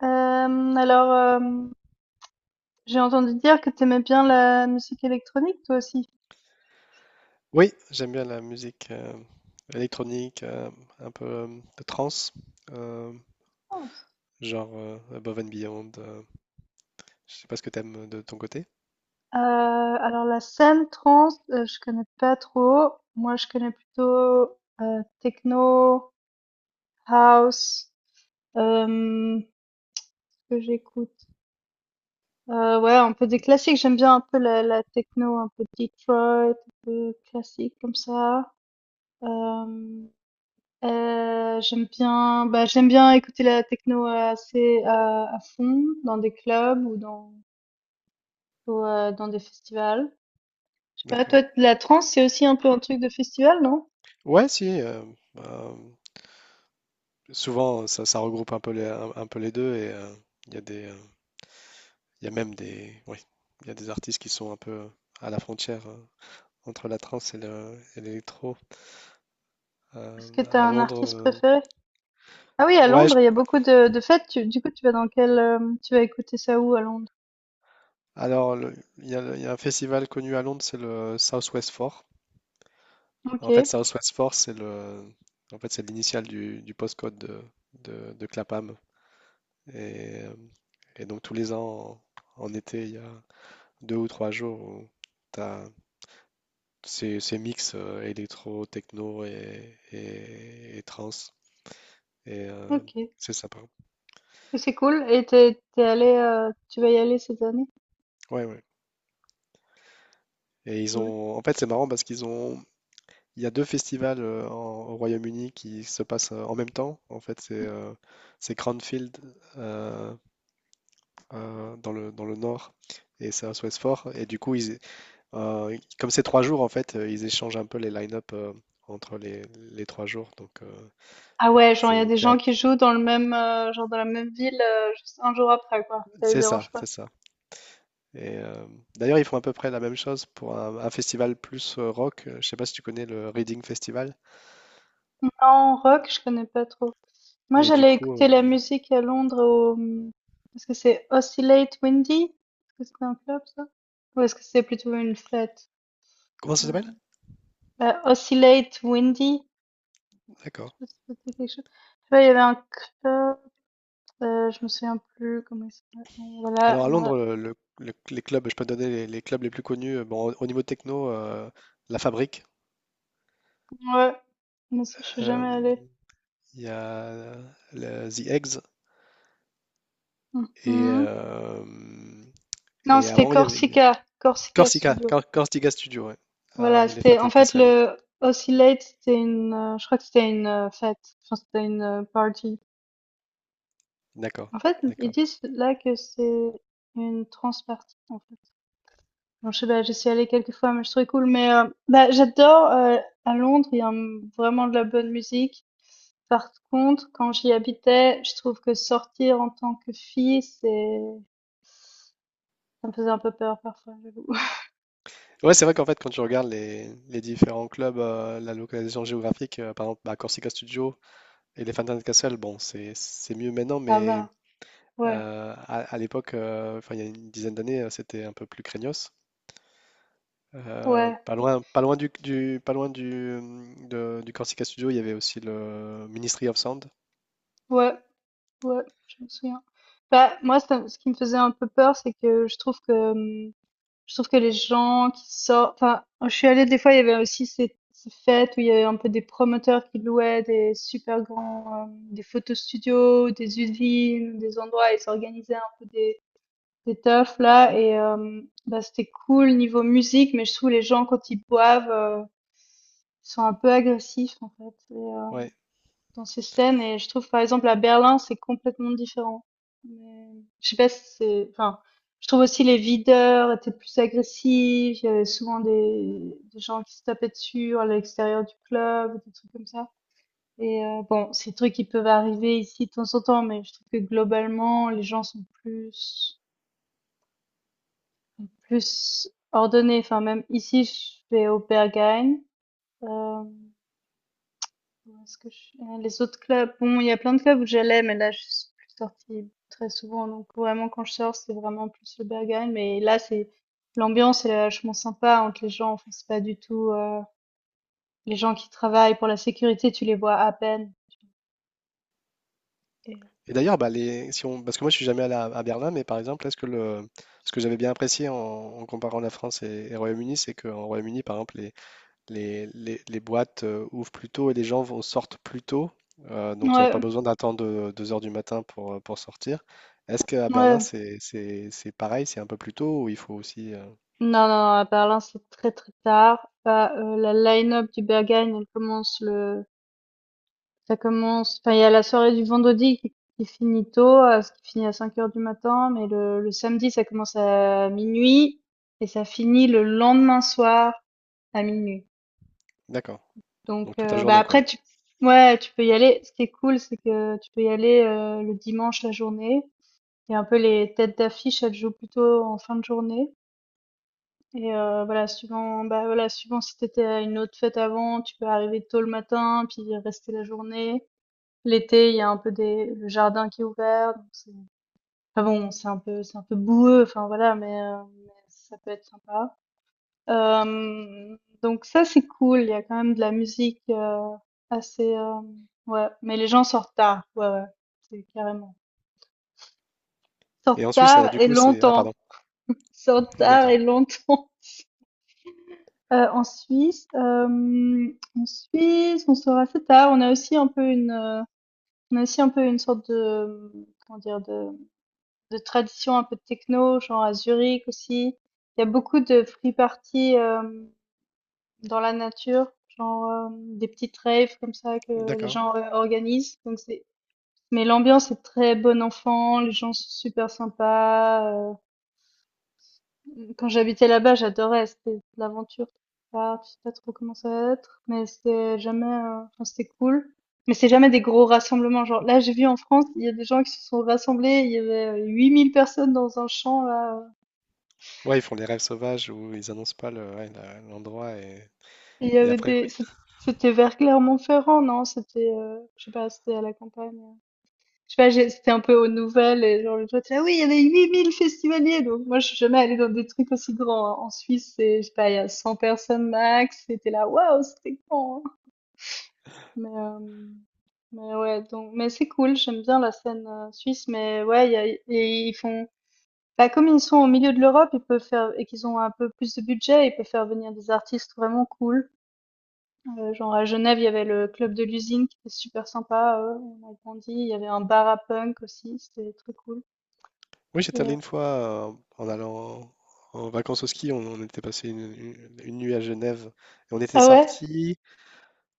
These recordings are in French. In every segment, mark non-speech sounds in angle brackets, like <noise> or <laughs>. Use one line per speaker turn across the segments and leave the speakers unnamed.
Alors, j'ai entendu dire que t'aimais bien la musique électronique, toi aussi?
Oui, j'aime bien la musique électronique, un peu de trance, euh,
Trance.
genre Above and Beyond. Je sais pas ce que t'aimes de ton côté.
Alors la scène trance, je connais pas trop. Moi, je connais plutôt techno, house. Euh, ce que j'écoute. Ouais, un peu des classiques. J'aime bien un peu la techno, un peu Detroit, un peu classique comme ça. Euh, j'aime bien écouter la techno, assez à fond dans des clubs ou dans des festivals. Je sais pas, toi,
D'accord.
la trance, c'est aussi un peu un truc de festival, non?
Ouais, si. Bah, souvent, ça regroupe un peu les deux et il y a il y a même des, oui, il y a des artistes qui sont un peu à la frontière entre la trance et l'électro.
Est-ce que t'as
À
un
Londres,
artiste préféré? Ah oui, à
ouais.
Londres, il y a beaucoup de fêtes. Du coup, tu vas écouter ça où à Londres?
Alors, il y a un festival connu à Londres, c'est le Southwest Four.
Ok,
En fait, Southwest Force, c'est le, en fait, c'est l'initiale du postcode de Clapham. Et, euh, et donc, tous les ans, en, en été, il y a deux ou trois jours où tu as ces, ces mix électro, techno et trance. Et euh,
ok. Et
c'est sympa.
c'est cool. Et tu vas y aller cette année?
Ouais, ouais. Et ils
Cool.
ont, en fait, c'est marrant parce qu'ils ont, il y a deux festivals en- au Royaume-Uni qui se passent en même temps. En fait, c'est Cranfield euh, dans le nord et c'est à Southwest. Et du coup, ils, comme c'est trois jours, en fait, ils échangent un peu les line-up entre les trois jours. Donc,
Ah ouais, genre il y a
c'est
des
c'est un
gens qui jouent dans le même, genre dans la même ville, juste un jour après, quoi. Ça les
c'est
dérange
ça,
pas.
c'est ça. Et euh, D'ailleurs, ils font à peu près la même chose pour un festival plus rock. Je sais pas si tu connais le Reading Festival.
En rock, je connais pas trop. Moi,
Et du
j'allais
coup,
écouter la musique à Londres est-ce que c'est Oscillate Windy? Est-ce que c'est un club, ça? Ou est-ce que c'est plutôt une fête?
comment
Euh,
ça s'appelle?
Bah, Oscillate Windy. Je
D'accord.
sais pas si ça te dit quelque chose. Je sais pas, il y avait un club, je me souviens plus comment il s'appelait. Bon, voilà,
Alors à Londres, les clubs, je peux te donner les clubs les plus connus. Bon, au, au niveau techno, La Fabrique.
ouais. Mais ça, je suis
euh,
jamais allée.
Il y a The Eggs, Et,
Mhm.
euh,
Non,
et
c'était
avant, il y avait
Corsica, Corsica
Corsica,
Studio.
Corsica Studio, ouais. Ah,
Voilà,
Elephant
c'était en
and
fait
Castle.
le Oscillate. Je crois que c'était une, fête, enfin c'était une, party.
D'accord,
En fait, ils
d'accord.
disent là que c'est une trans party en fait. Bon, je sais pas, j'y suis allée quelques fois, mais je trouvais cool, mais, bah, j'adore. À Londres, il y a, vraiment de la bonne musique. Par contre, quand j'y habitais, je trouve que sortir en tant que fille, c'est ça me faisait un peu peur parfois, j'avoue. <laughs>
Ouais, c'est vrai qu'en fait, quand tu regardes les différents clubs, la localisation géographique, par exemple, bah, Corsica Studio et les Phantom Castle, bon, c'est mieux maintenant,
Ça
mais
va, ouais,
à l'époque, enfin, il y a une dizaine d'années, c'était un peu plus craignos.
ouais,
Pas loin, pas loin du, pas loin du, de- du Corsica Studio, il y avait aussi le Ministry of Sound.
ouais. Ouais, je me souviens. Bah, moi, ce qui me faisait un peu peur, c'est que je trouve que les gens qui sortent, enfin, je suis allée des fois, il y avait aussi ces fêtes où il y avait un peu des promoteurs qui louaient des super grands, des photos studios, des usines, des endroits, et s'organisaient un peu des teufs là, et bah, c'était cool niveau musique, mais je trouve les gens quand ils boivent, ils sont un peu agressifs en fait
Ouais.
dans ces scènes. Et je trouve par exemple à Berlin c'est complètement différent. Mais je sais pas si c'est, enfin, je trouve aussi les videurs étaient plus agressifs, il y avait souvent des gens qui se tapaient dessus à l'extérieur du club, des trucs comme ça. Et bon, ces trucs qui peuvent arriver ici de temps en temps, mais je trouve que globalement les gens sont plus ordonnés. Enfin, même ici je vais au Berghain. euh, Où est-ce que je suis? Ah, les autres clubs, bon, il y a plein de clubs où j'allais, mais là, je suis plus sortie très souvent. Donc, vraiment, quand je sors, c'est vraiment plus le Berghain. Mais là, l'ambiance, elle est vachement sympa entre les gens. Enfin, c'est pas du tout, les gens qui travaillent pour la sécurité, tu les vois à peine. Et-
Et d'ailleurs, bah, les, si on, parce que moi je suis jamais allé à Berlin, mais par exemple, est-ce que le, ce que j'avais bien apprécié en, en comparant la France et Royaume-Uni, c'est qu'en Royaume-Uni, par exemple, les boîtes ouvrent plus tôt et les gens vont, sortent plus tôt, donc il n'y a
Ouais,
pas
ouais.
besoin d'attendre 2 heures du matin pour sortir. Est-ce qu'à Berlin,
Non,
c'est pareil, c'est un peu plus tôt ou il faut aussi.
non, non, à Berlin, c'est très, très tard. Bah, la line-up du Berghain, elle commence le Ça commence enfin, il y a la soirée du vendredi qui finit tôt, ce qui finit à 5 heures du matin, mais le samedi, ça commence à minuit et ça finit le lendemain soir à minuit.
D'accord. Donc
Donc
toute la
bah,
journée, quoi.
après tu ouais, tu peux y aller. Ce qui est cool, c'est que tu peux y aller, le dimanche, la journée, et un peu les têtes d'affiche, elles jouent plutôt en fin de journée. Et voilà, voilà, suivant si t'étais à une autre fête avant, tu peux arriver tôt le matin puis rester la journée. L'été, il y a un peu des le jardin qui est ouvert, donc c'est enfin bon, c'est un peu boueux, enfin voilà, mais ça peut être sympa. Donc ça, c'est cool. Il y a quand même de la musique, assez. Ouais, mais les gens sortent tard. Ouais, ouais, c'est carrément.
Et
Sortent
en Suisse,
tard
du
et
coup, c'est... Ah,
longtemps.
pardon.
Sortent
<laughs>
tard
D'accord.
et longtemps. <laughs> En Suisse, on sort assez tard. On a aussi un peu une sorte de, comment dire? De tradition un peu techno, genre à Zurich aussi. Il y a beaucoup de free parties, dans la nature, genre, des petites raves comme ça que les
D'accord.
gens organisent. Donc c'est Mais l'ambiance est très bon enfant, les gens sont super sympas. Quand j'habitais là-bas, j'adorais, c'était de l'aventure. Ah, je sais pas trop comment ça va être, mais c'était jamais, enfin, c'était cool. Mais c'est jamais des gros rassemblements. Genre là, j'ai vu en France, il y a des gens qui se sont rassemblés, il y avait 8 000 personnes dans un champ là.
Ouais, ils font les rêves sauvages où ils annoncent pas le, ouais, l'endroit
Il y
et
avait
après, ouais.
des c'ét C'était vers Clermont-Ferrand, non? C'était, je sais pas, c'était à la campagne, je sais pas, j'ai c'était un peu aux nouvelles et genre, l'autre: «Ah oui, il y avait 8 000 festivaliers!» Donc moi, je suis jamais allée dans des trucs aussi grands, hein. En Suisse, c'est, je sais pas, il y a 100 personnes max, c'était là: «Waouh, c'était grand, hein!» mais hem, mais ouais, mais c'est cool, j'aime bien la scène, suisse, mais ouais, il y a et ils font bah, comme ils sont au milieu de l'Europe, ils peuvent faire et qu'ils ont un peu plus de budget, ils peuvent faire venir des artistes vraiment cool. Genre à Genève, il y avait le club de l'usine qui était super sympa, on a grandi, il y avait un bar à punk aussi, c'était très cool
Oui,
et
j'étais allé une fois en allant en vacances au ski, on était passé une, une nuit à Genève et on était
ah ouais?
sorti,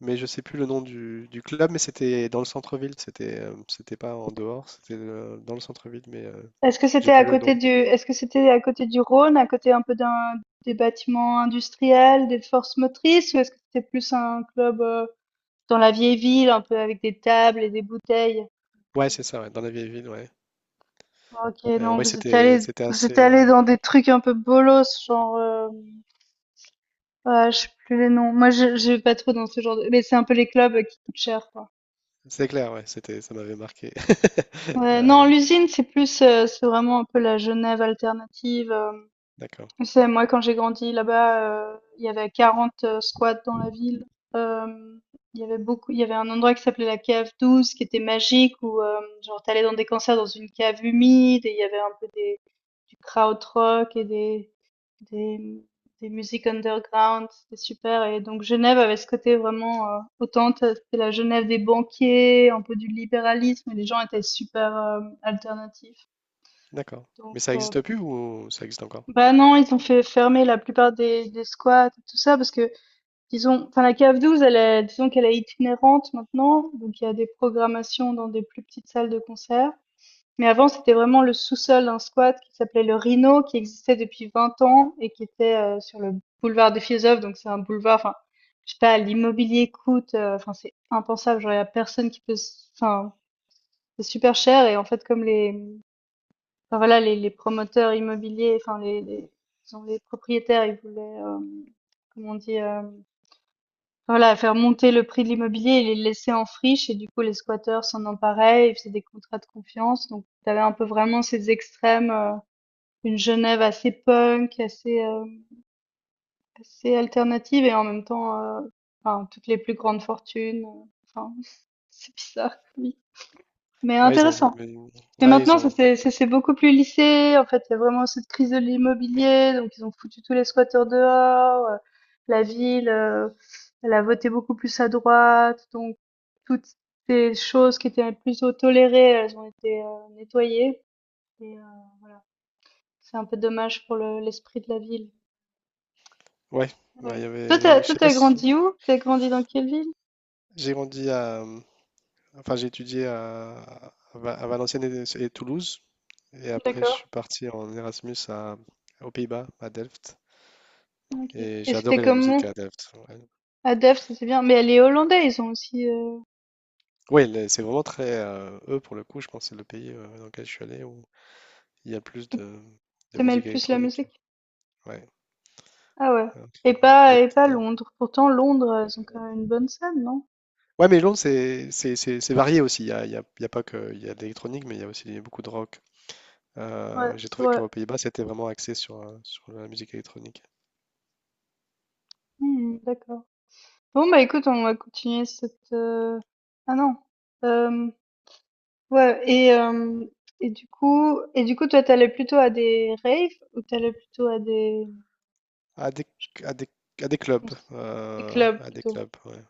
mais je sais plus le nom du club, mais c'était dans le centre-ville, c'était c'était pas en dehors, c'était dans le centre-ville, mais j'ai plus le nom.
Est-ce que c'était à côté du Rhône, à côté un peu d'un des bâtiments industriels, des forces motrices? Ou est-ce que c'était plus un club, dans la vieille ville, un peu avec des tables et des bouteilles?
Ouais, c'est ça, ouais, dans la vieille ville, ouais.
OK, non,
Ouais,
vous êtes
c'était
allés
c'était
vous
assez.
êtes allés dans des trucs un peu bolos, genre. Ah, je sais plus les noms. Moi, je vais pas trop dans ce genre de mais c'est un peu les clubs qui coûtent cher, quoi.
C'est clair, ouais, c'était, ça m'avait marqué. <laughs>
Ouais,
Euh,
non, l'usine, c'est vraiment un peu la Genève alternative.
d'accord,
Tu sais, moi, quand j'ai grandi là-bas, il y avait 40 squats dans la ville. Hem, il y avait un endroit qui s'appelait la cave 12 qui était magique où, genre, tu allais dans des concerts dans une cave humide, et il y avait un peu des du krautrock et des, des musiques underground, c'était super. Et donc Genève avait ce côté vraiment, c'était la Genève des banquiers, un peu du libéralisme, et les gens étaient super, alternatifs.
d'accord.
Donc
Mais ça existe plus ou ça existe encore?
bah, non, ils ont fait fermer la plupart des squats et tout ça, parce que disons, enfin la CAF douze, disons qu'elle est itinérante maintenant, donc il y a des programmations dans des plus petites salles de concert. Mais avant, c'était vraiment le sous-sol d'un squat qui s'appelait le Rhino, qui existait depuis 20 ans et qui était, sur le boulevard des Philosophes. Donc, c'est un boulevard, enfin, je sais pas, l'immobilier coûte, enfin, c'est impensable. Genre, il y a personne qui peut, enfin, c'est super cher. Et en fait, comme enfin, voilà, les promoteurs immobiliers, enfin, disons, les propriétaires, ils voulaient, comment on dit, voilà, faire monter le prix de l'immobilier et les laisser en friche. Et du coup, les squatteurs s'en emparaient. Ils faisaient des contrats de confiance. Donc, tu avais un peu vraiment ces extrêmes, une Genève assez punk, assez alternative, et en même temps, enfin, toutes les plus grandes fortunes, enfin, <laughs> c'est bizarre, oui, mais
Ouais, ils ont,
intéressant.
mais-
Mais
ouais, ils
maintenant,
ont,
ça c'est beaucoup plus lissé, en fait, il y a vraiment cette crise de l'immobilier, donc ils ont foutu tous les squatteurs dehors. La ville, elle a voté beaucoup plus à droite, donc toutes ces choses qui étaient plutôt tolérées, elles ont été, nettoyées. Et c'est un peu dommage pour le l'esprit de la ville.
ouais, ouais, il
Ouais.
y
Toi, t'as
avait, je
toi,
sais pas
t'as
si,
grandi où? T'as grandi dans quelle ville?
j'ai grandi à, enfin, j'ai étudié à à Valenciennes et Toulouse, et après je
D'accord.
suis parti en Erasmus à, aux Pays-Bas, à Delft,
OK.
et
Et
j'ai adoré
c'était
la musique
comment?
à Delft. Ouais,
À Delft, ça c'est bien. Mais les Hollandais, ils ont aussi.
ouais, c'est vraiment très, eux pour le coup, je pense que c'est le pays dans lequel je suis allé où il y a plus de
T'aimes
musique
plus la
électronique.
musique?
Ouais.
Ah ouais.
Ouais.
Et pas
Votre
et pas
totem.
Londres. Pourtant, Londres, ils ont quand même une bonne scène, non?
Ouais, mais Londres, c'est varié aussi. Il y a, il y a pas que il y a de l'électronique, mais il y a aussi beaucoup de rock.
Ouais,
J'ai
c'est
trouvé
vrai.
qu'aux Pays-Bas, c'était vraiment axé sur, sur la musique électronique.
Hmm, d'accord. Bon, bah, écoute, on va continuer cette. Ah non. Euh, ouais. Et du coup, toi, t'allais plutôt à des raves ou t'allais plutôt à des
À des, à des, à des clubs.
cons- des clubs
À des
plutôt?
clubs, ouais.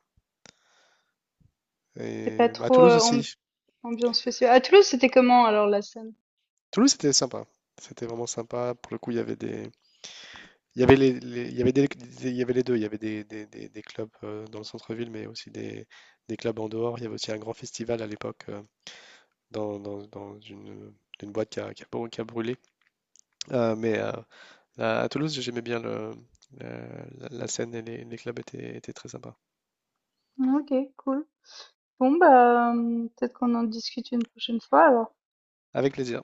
T'es pas
Et bah, à
trop.
Toulouse aussi.
Ambiance festive. À Toulouse, c'était comment alors la scène?
Toulouse, c'était sympa. C'était vraiment sympa. Pour le coup, il y avait des. Il y avait les, il y avait des, il y avait les deux. Il y avait des, des clubs dans le centre-ville, mais aussi des clubs en dehors. Il y avait aussi un grand festival à l'époque. Dans, dans, dans une boîte qui a, qui a brûlé. Mais à Toulouse, j'aimais bien le, la, la- scène et les clubs étaient, étaient très sympas.
OK, cool. Bon, bah, peut-être qu'on en discute une prochaine fois alors.
Avec plaisir.